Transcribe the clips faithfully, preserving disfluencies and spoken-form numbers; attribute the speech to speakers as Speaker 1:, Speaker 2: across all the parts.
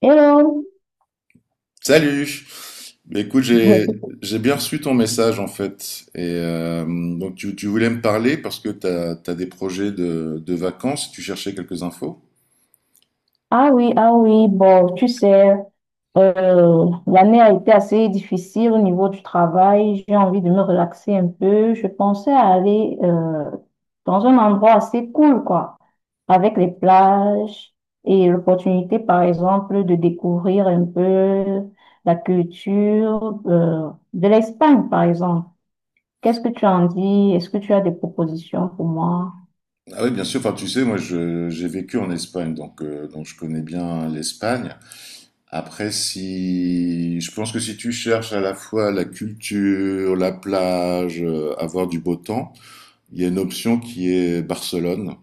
Speaker 1: Hello.
Speaker 2: Salut! Mais écoute, j'ai j'ai bien reçu ton message en fait. Et euh, donc tu, tu voulais me parler parce que tu as, des projets de, de vacances, tu cherchais quelques infos.
Speaker 1: Ah oui, ah oui, bon, tu sais, euh, l'année a été assez difficile au niveau du travail. J'ai envie de me relaxer un peu. Je pensais à aller euh, dans un endroit assez cool, quoi, avec les plages et l'opportunité, par exemple, de découvrir un peu la culture euh, de l'Espagne, par exemple. Qu'est-ce que tu en dis? Est-ce que tu as des propositions pour moi?
Speaker 2: Ah oui, bien sûr. Enfin, tu sais, moi je- j'ai vécu en Espagne, donc euh, donc je connais bien l'Espagne. Après, si je pense que si tu cherches à la fois la culture, la plage, euh, avoir du beau temps. Il y a une option qui est Barcelone,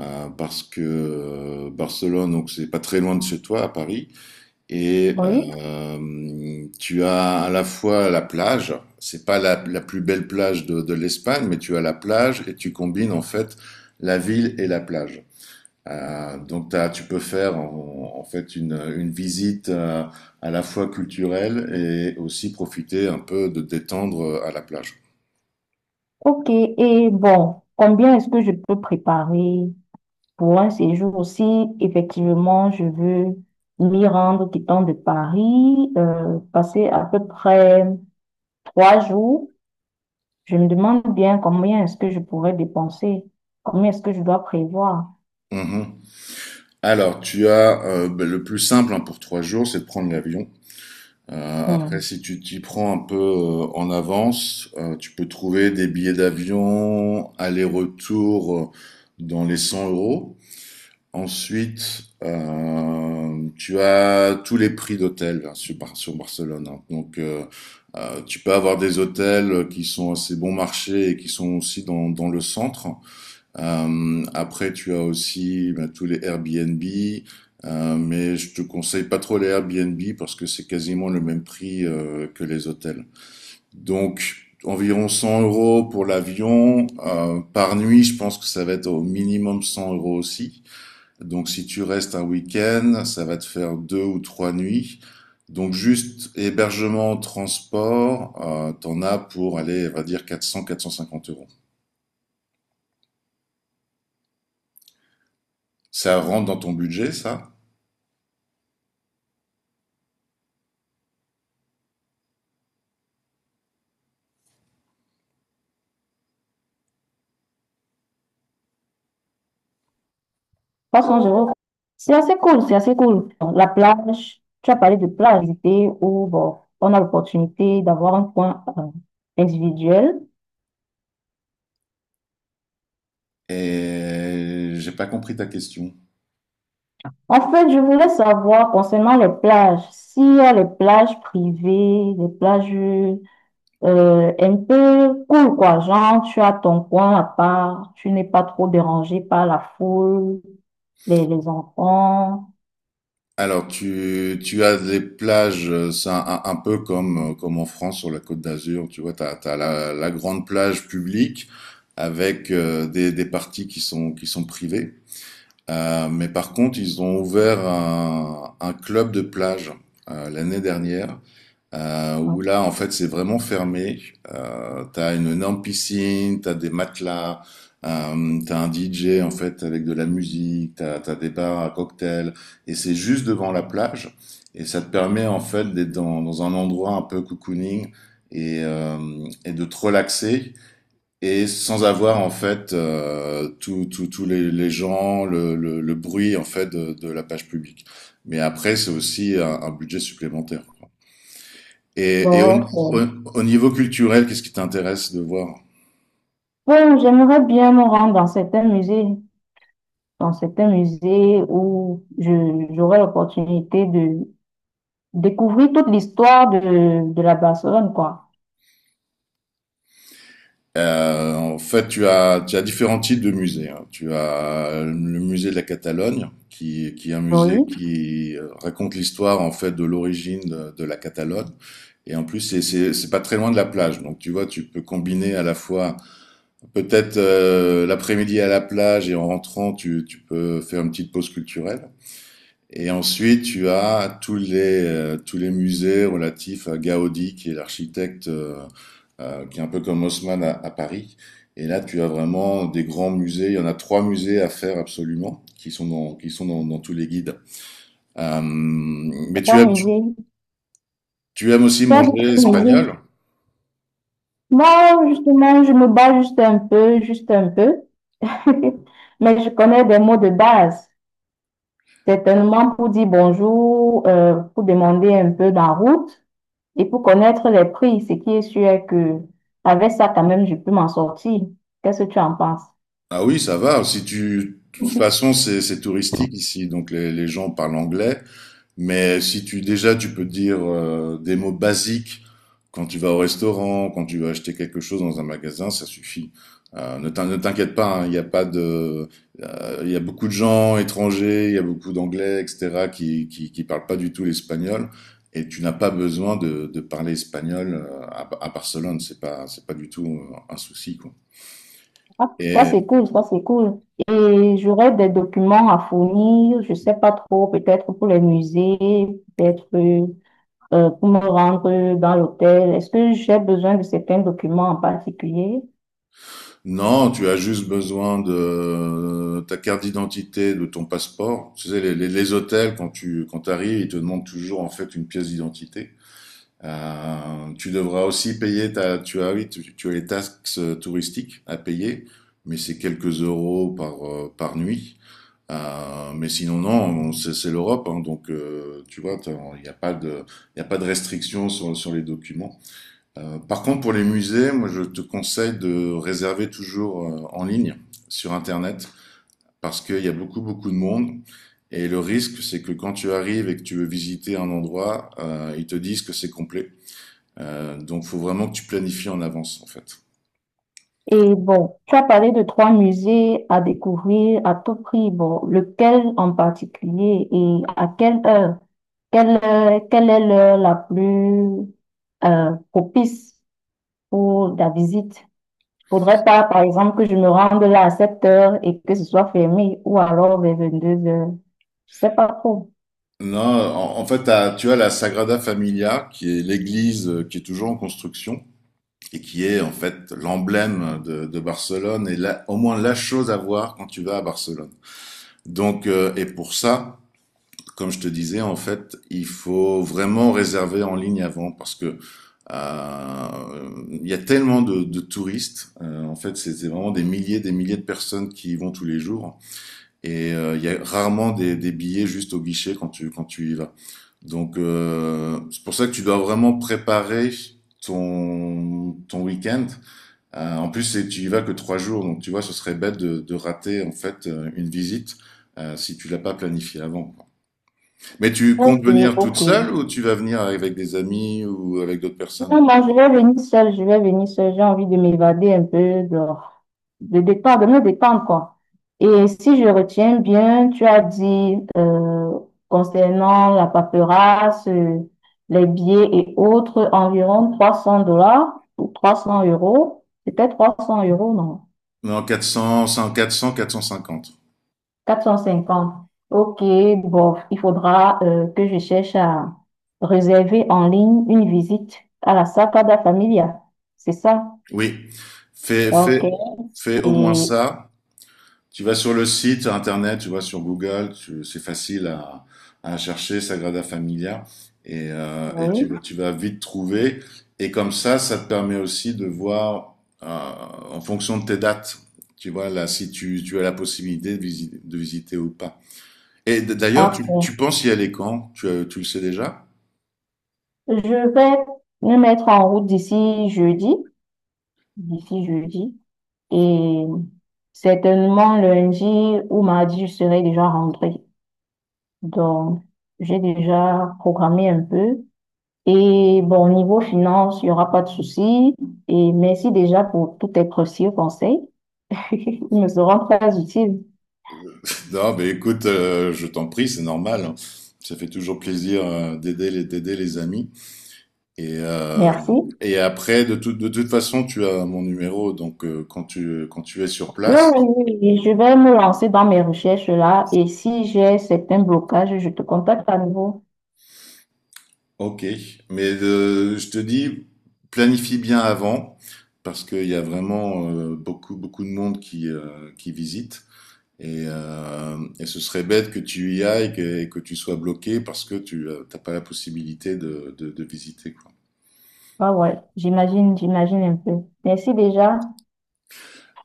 Speaker 2: euh, parce que euh, Barcelone, donc c'est pas très loin de chez toi, à Paris, et
Speaker 1: Oui.
Speaker 2: euh, tu as à la fois la plage, c'est pas la, la plus belle plage de, de l'Espagne, mais tu as la plage et tu combines en fait la ville et la plage. Euh, donc t'as- tu peux faire en, en fait une, une visite euh, à la fois culturelle et aussi profiter un peu de détendre à la plage.
Speaker 1: Ok, et bon, combien est-ce que je peux préparer pour un séjour si effectivement je veux m'y rendre quittant de Paris, euh, passer à peu près trois jours? Je me demande bien combien est-ce que je pourrais dépenser, combien est-ce que je dois prévoir.
Speaker 2: Mmh Alors, tu as, heu, beh, le plus simple, hein, pour trois jours, c'est de prendre l'avion. Heu, après,
Speaker 1: Hmm.
Speaker 2: si tu t'y prends un peu, heu, en avance, heu, tu peux trouver des billets d'avion aller-retour, heu, dans les cent euros. Ensuite, hem, tu as tous les prix d'hôtels sur Bar sur Barcelone, hein. Donc, heu heu, tu peux avoir des hôtels, qui sont assez bon marché et qui sont aussi dans dans le centre. Euh, après, tu as aussi bah, tous les Airbnb, euh, mais je te conseille pas trop les Airbnb parce que c'est quasiment le même prix euh, que les hôtels. Donc, environ cent euros pour l'avion. Euh, par nuit, je pense que ça va être au minimum cent euros aussi. Donc, si tu restes un week-end, ça va te faire deux ou trois nuits. Donc, juste hébergement, transport, euh, t'en as pour aller, on va dire, quatre cents-quatre cent cinquante euros. Ça rentre dans ton budget, ça?
Speaker 1: trois cents euros, c'est assez cool, c'est assez cool. La plage, tu as parlé de plage, c'était où bon, on a l'opportunité d'avoir un coin euh, individuel.
Speaker 2: Et j'ai pas compris ta question.
Speaker 1: En fait, je voulais savoir concernant les plages, s'il y a les plages privées, les plages euh, un peu cool, quoi. Genre, tu as ton coin à part, tu n'es pas trop dérangé par la foule, les, les enfants,
Speaker 2: Alors, tu, tu as des plages, euh, c'est un, un- un peu comme, euh, comme en France sur la Côte d'Azur, tu vois, tu as, la, la grande plage publique avec euh, des, des parties qui sont, qui sont privées. Euh, mais par contre, ils ont ouvert un, un club de plage euh, l'année dernière euh, où là, en fait, c'est vraiment fermé. Euh, t'as une énorme piscine, t'as des matelas, euh, t'as un D J, en fait, avec de la musique, t'as, t'as des bars à cocktails, et c'est juste devant la plage. Et ça te permet, en fait, d'être dans, dans un endroit un peu cocooning et, euh, et de te relaxer. Et sans avoir en fait euh, tous tous tous les, les gens, le, le, le bruit en fait de, de la page publique. Mais après, c'est aussi un un budget supplémentaire. Et, et au, au-
Speaker 1: d'autres.
Speaker 2: au niveau culturel, qu'est-ce qui t'intéresse de voir?
Speaker 1: Bon, j'aimerais bien me rendre dans certains musées, dans certains musées où je, j'aurai l'opportunité de découvrir toute l'histoire de, de la Barcelone, quoi.
Speaker 2: Euh, en fait, tu as, tu as différents types de musées, hein. Tu as le musée de la Catalogne, qui, qui est un musée
Speaker 1: Oui,
Speaker 2: qui euh, raconte l'histoire en fait de l'origine de, de la Catalogne. Et en plus, c'est, c'est, c'est pas très loin de la plage. Donc, tu vois, tu peux combiner à la fois peut-être euh, l'après-midi à la plage et en rentrant, tu, tu peux faire une petite pause culturelle. Et ensuite, tu as tous les, euh, tous les musées relatifs à Gaudi, qui est l'architecte, euh, euh, qui est un peu comme Haussmann à, à Paris. Et là, tu as vraiment des grands musées. Il y en a trois musées à faire absolument, qui sont dans, qui sont dans, dans tous les guides. Euh, mais tu
Speaker 1: trois
Speaker 2: aimes, tu,
Speaker 1: musées,
Speaker 2: tu aimes aussi
Speaker 1: trois
Speaker 2: manger
Speaker 1: musées.
Speaker 2: espagnol?
Speaker 1: Non, justement, je me bats juste un peu, juste un peu. Mais je connais des mots de base. Certainement pour dire bonjour, euh, pour demander un peu la route et pour connaître les prix. Ce qui est sûr est que avec ça, quand même, je peux m'en sortir. Qu'est-ce que tu en penses?
Speaker 2: Ah oui, ça va. Si tu, de toute façon, c'est c'est touristique ici, donc les, les gens parlent anglais. Mais si tu déjà, tu peux dire euh, des mots basiques quand tu vas au restaurant, quand tu vas acheter quelque chose dans un magasin, ça suffit. Euh, ne t'in- ne t'inquiète pas, hein, il y a pas de, euh, il y a beaucoup de gens étrangers, il y a beaucoup d'anglais, et cetera qui qui qui parlent pas du tout l'espagnol. Et tu n'as pas besoin de, de parler espagnol euh, à, à Barcelone. C'est pas c'est pas du tout euh, un souci quoi.
Speaker 1: Ah, ça, c'est cool, ça, c'est cool. Et j'aurai des documents à fournir, je sais pas trop, peut-être pour les musées, peut-être. Euh, pour me rendre dans l'hôtel? Est-ce que j'ai besoin de certains documents en particulier?
Speaker 2: Non, tu as juste besoin de euh, ta carte d'identité, de ton passeport. Tu sais, les, les- les hôtels, quand tu quand t'arrives, ils te demandent toujours en fait une pièce d'identité. Euh, tu devras aussi payer ta, tu as, oui, tu, tu as les taxes euh, touristiques à payer, mais c'est quelques euros par euh, par nuit. Euh, mais sinon, non, c'est c'est l'Europe, hein, donc euh, tu vois, t'as- il n'y a pas de, il y a pas de restrictions sur sur les documents. Euh, par contre, pour les musées, moi, je te conseille de réserver toujours euh, en ligne sur Internet parce qu'il y a beaucoup, beaucoup de monde. Et le risque, c'est que quand tu arrives et que tu veux visiter un endroit, euh, ils te disent que c'est complet. Euh, donc, faut vraiment que tu planifies en avance, en fait.
Speaker 1: Et bon, tu as parlé de trois musées à découvrir à tout prix. Bon, lequel en particulier et à quelle heure? Quelle, heure- quelle est l'heure la plus euh, propice pour la visite? Il ne faudrait pas, par exemple, que je me rende là à sept heures et que ce soit fermé ou alors vers vingt-deux heures. Je ne sais pas trop.
Speaker 2: Non, en, en fait, t'as- tu as la Sagrada Familia, qui est l'église euh, qui est toujours en construction, et qui est en fait l'emblème de, de Barcelone et là, au moins la chose à voir quand tu vas à Barcelone. Donc, euh, et pour ça, comme je te disais, en fait, il faut vraiment réserver en ligne avant parce que euh, il euh, y a tellement de, de touristes. Euh, en fait, c'est vraiment des milliers, des milliers de personnes qui y vont tous les jours. Et euh, il euh, y a rarement des, des billets juste au guichet quand tu quand tu y vas. Donc euh, c'est pour ça que tu dois vraiment préparer ton ton week-end euh, en plus, c'est- tu y vas que trois jours, donc tu vois, ce serait bête de, de rater en fait euh, une visite euh, si tu l'as pas planifiée avant, quoi. Mais tu comptes
Speaker 1: Ok,
Speaker 2: venir toute
Speaker 1: ok.
Speaker 2: seule ou tu vas venir avec des amis ou avec d'autres personnes?
Speaker 1: Non, moi, je vais venir seule, je vais venir seule. J'ai envie de m'évader un peu, de, de détendre, de me détendre, quoi. Et si je retiens bien, tu as dit euh, concernant la paperasse, euh, les billets et autres, environ trois cents dollars ou trois cents euros. C'était trois cents euros, non?
Speaker 2: Non, quatre quatre cents, cent quatre cents, quatre cent cinquante.
Speaker 1: Quatre cent cinquante. OK, bon, il faudra euh, que je cherche à réserver en ligne une visite à la Sagrada Familia. C'est ça?
Speaker 2: Oui, fais,
Speaker 1: OK.
Speaker 2: fais, fais au moins
Speaker 1: Et
Speaker 2: ça. Tu vas sur le site internet, tu vas sur Google, tu- c'est facile à, à chercher, Sagrada Familia, et, euh, et tu, vas-
Speaker 1: oui,
Speaker 2: tu vas vite trouver. Et comme ça, ça te permet aussi de voir, euh, en fonction de tes dates, tu vois, là, si tu, tu as la possibilité de visiter, de visiter, ou pas. Et d- d'ailleurs,
Speaker 1: ah,
Speaker 2: tu, tu
Speaker 1: bon.
Speaker 2: penses y aller quand? Tu, euh, tu le sais déjà?
Speaker 1: Je vais me mettre en route d'ici jeudi, d'ici jeudi, et certainement lundi ou mardi, je serai déjà rentrée. Donc, j'ai déjà programmé un peu. Et bon, niveau finance, il n'y aura pas de souci. Et merci déjà pour tous tes précieux conseils. Ils me seront très utiles.
Speaker 2: Non, mais écoute, euh, je t'en prie, c'est normal, hein. Ça fait toujours plaisir, euh, d'aider les, d'aider les amis. Et, euh,
Speaker 1: Merci.
Speaker 2: et après, de, tout- de toute façon, tu as mon numéro, donc euh, quand tu, quand tu es sur
Speaker 1: Oui,
Speaker 2: place,
Speaker 1: oui, oui, je vais me lancer dans mes recherches là et si j'ai certains blocages, je te contacte à nouveau.
Speaker 2: ok. Mais euh, je te dis, planifie bien avant, parce qu'il y a vraiment euh, beaucoup, beaucoup de monde qui, euh, qui visite. Et, euh, et ce serait bête que tu y ailles que- et que, tu sois bloqué parce que tu n'as pas la possibilité de, de, de visiter, quoi.
Speaker 1: Ah ouais, j'imagine, j'imagine un peu. Merci déjà.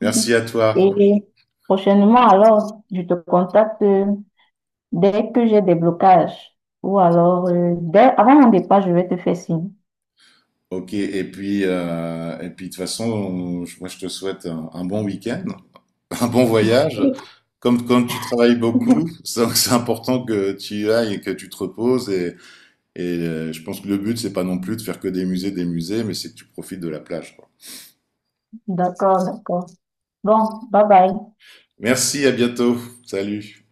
Speaker 2: Merci à toi.
Speaker 1: Et prochainement, alors, je te contacte dès que j'ai des blocages ou alors, euh, dès, avant mon départ, je vais te faire signe.
Speaker 2: Ok, et puis, euh, et puis de toute façon, on- moi je te souhaite un un bon week-end, un bon voyage. Comme, comme tu travailles beaucoup, c'est c'est important que tu y ailles et que tu te reposes. Et, et euh, je pense que le but, c'est pas non plus de faire que des musées, des musées, mais c'est que tu profites de la plage, quoi.
Speaker 1: D'accord, d'accord. Bon, bye bye.
Speaker 2: Merci, à bientôt. Salut.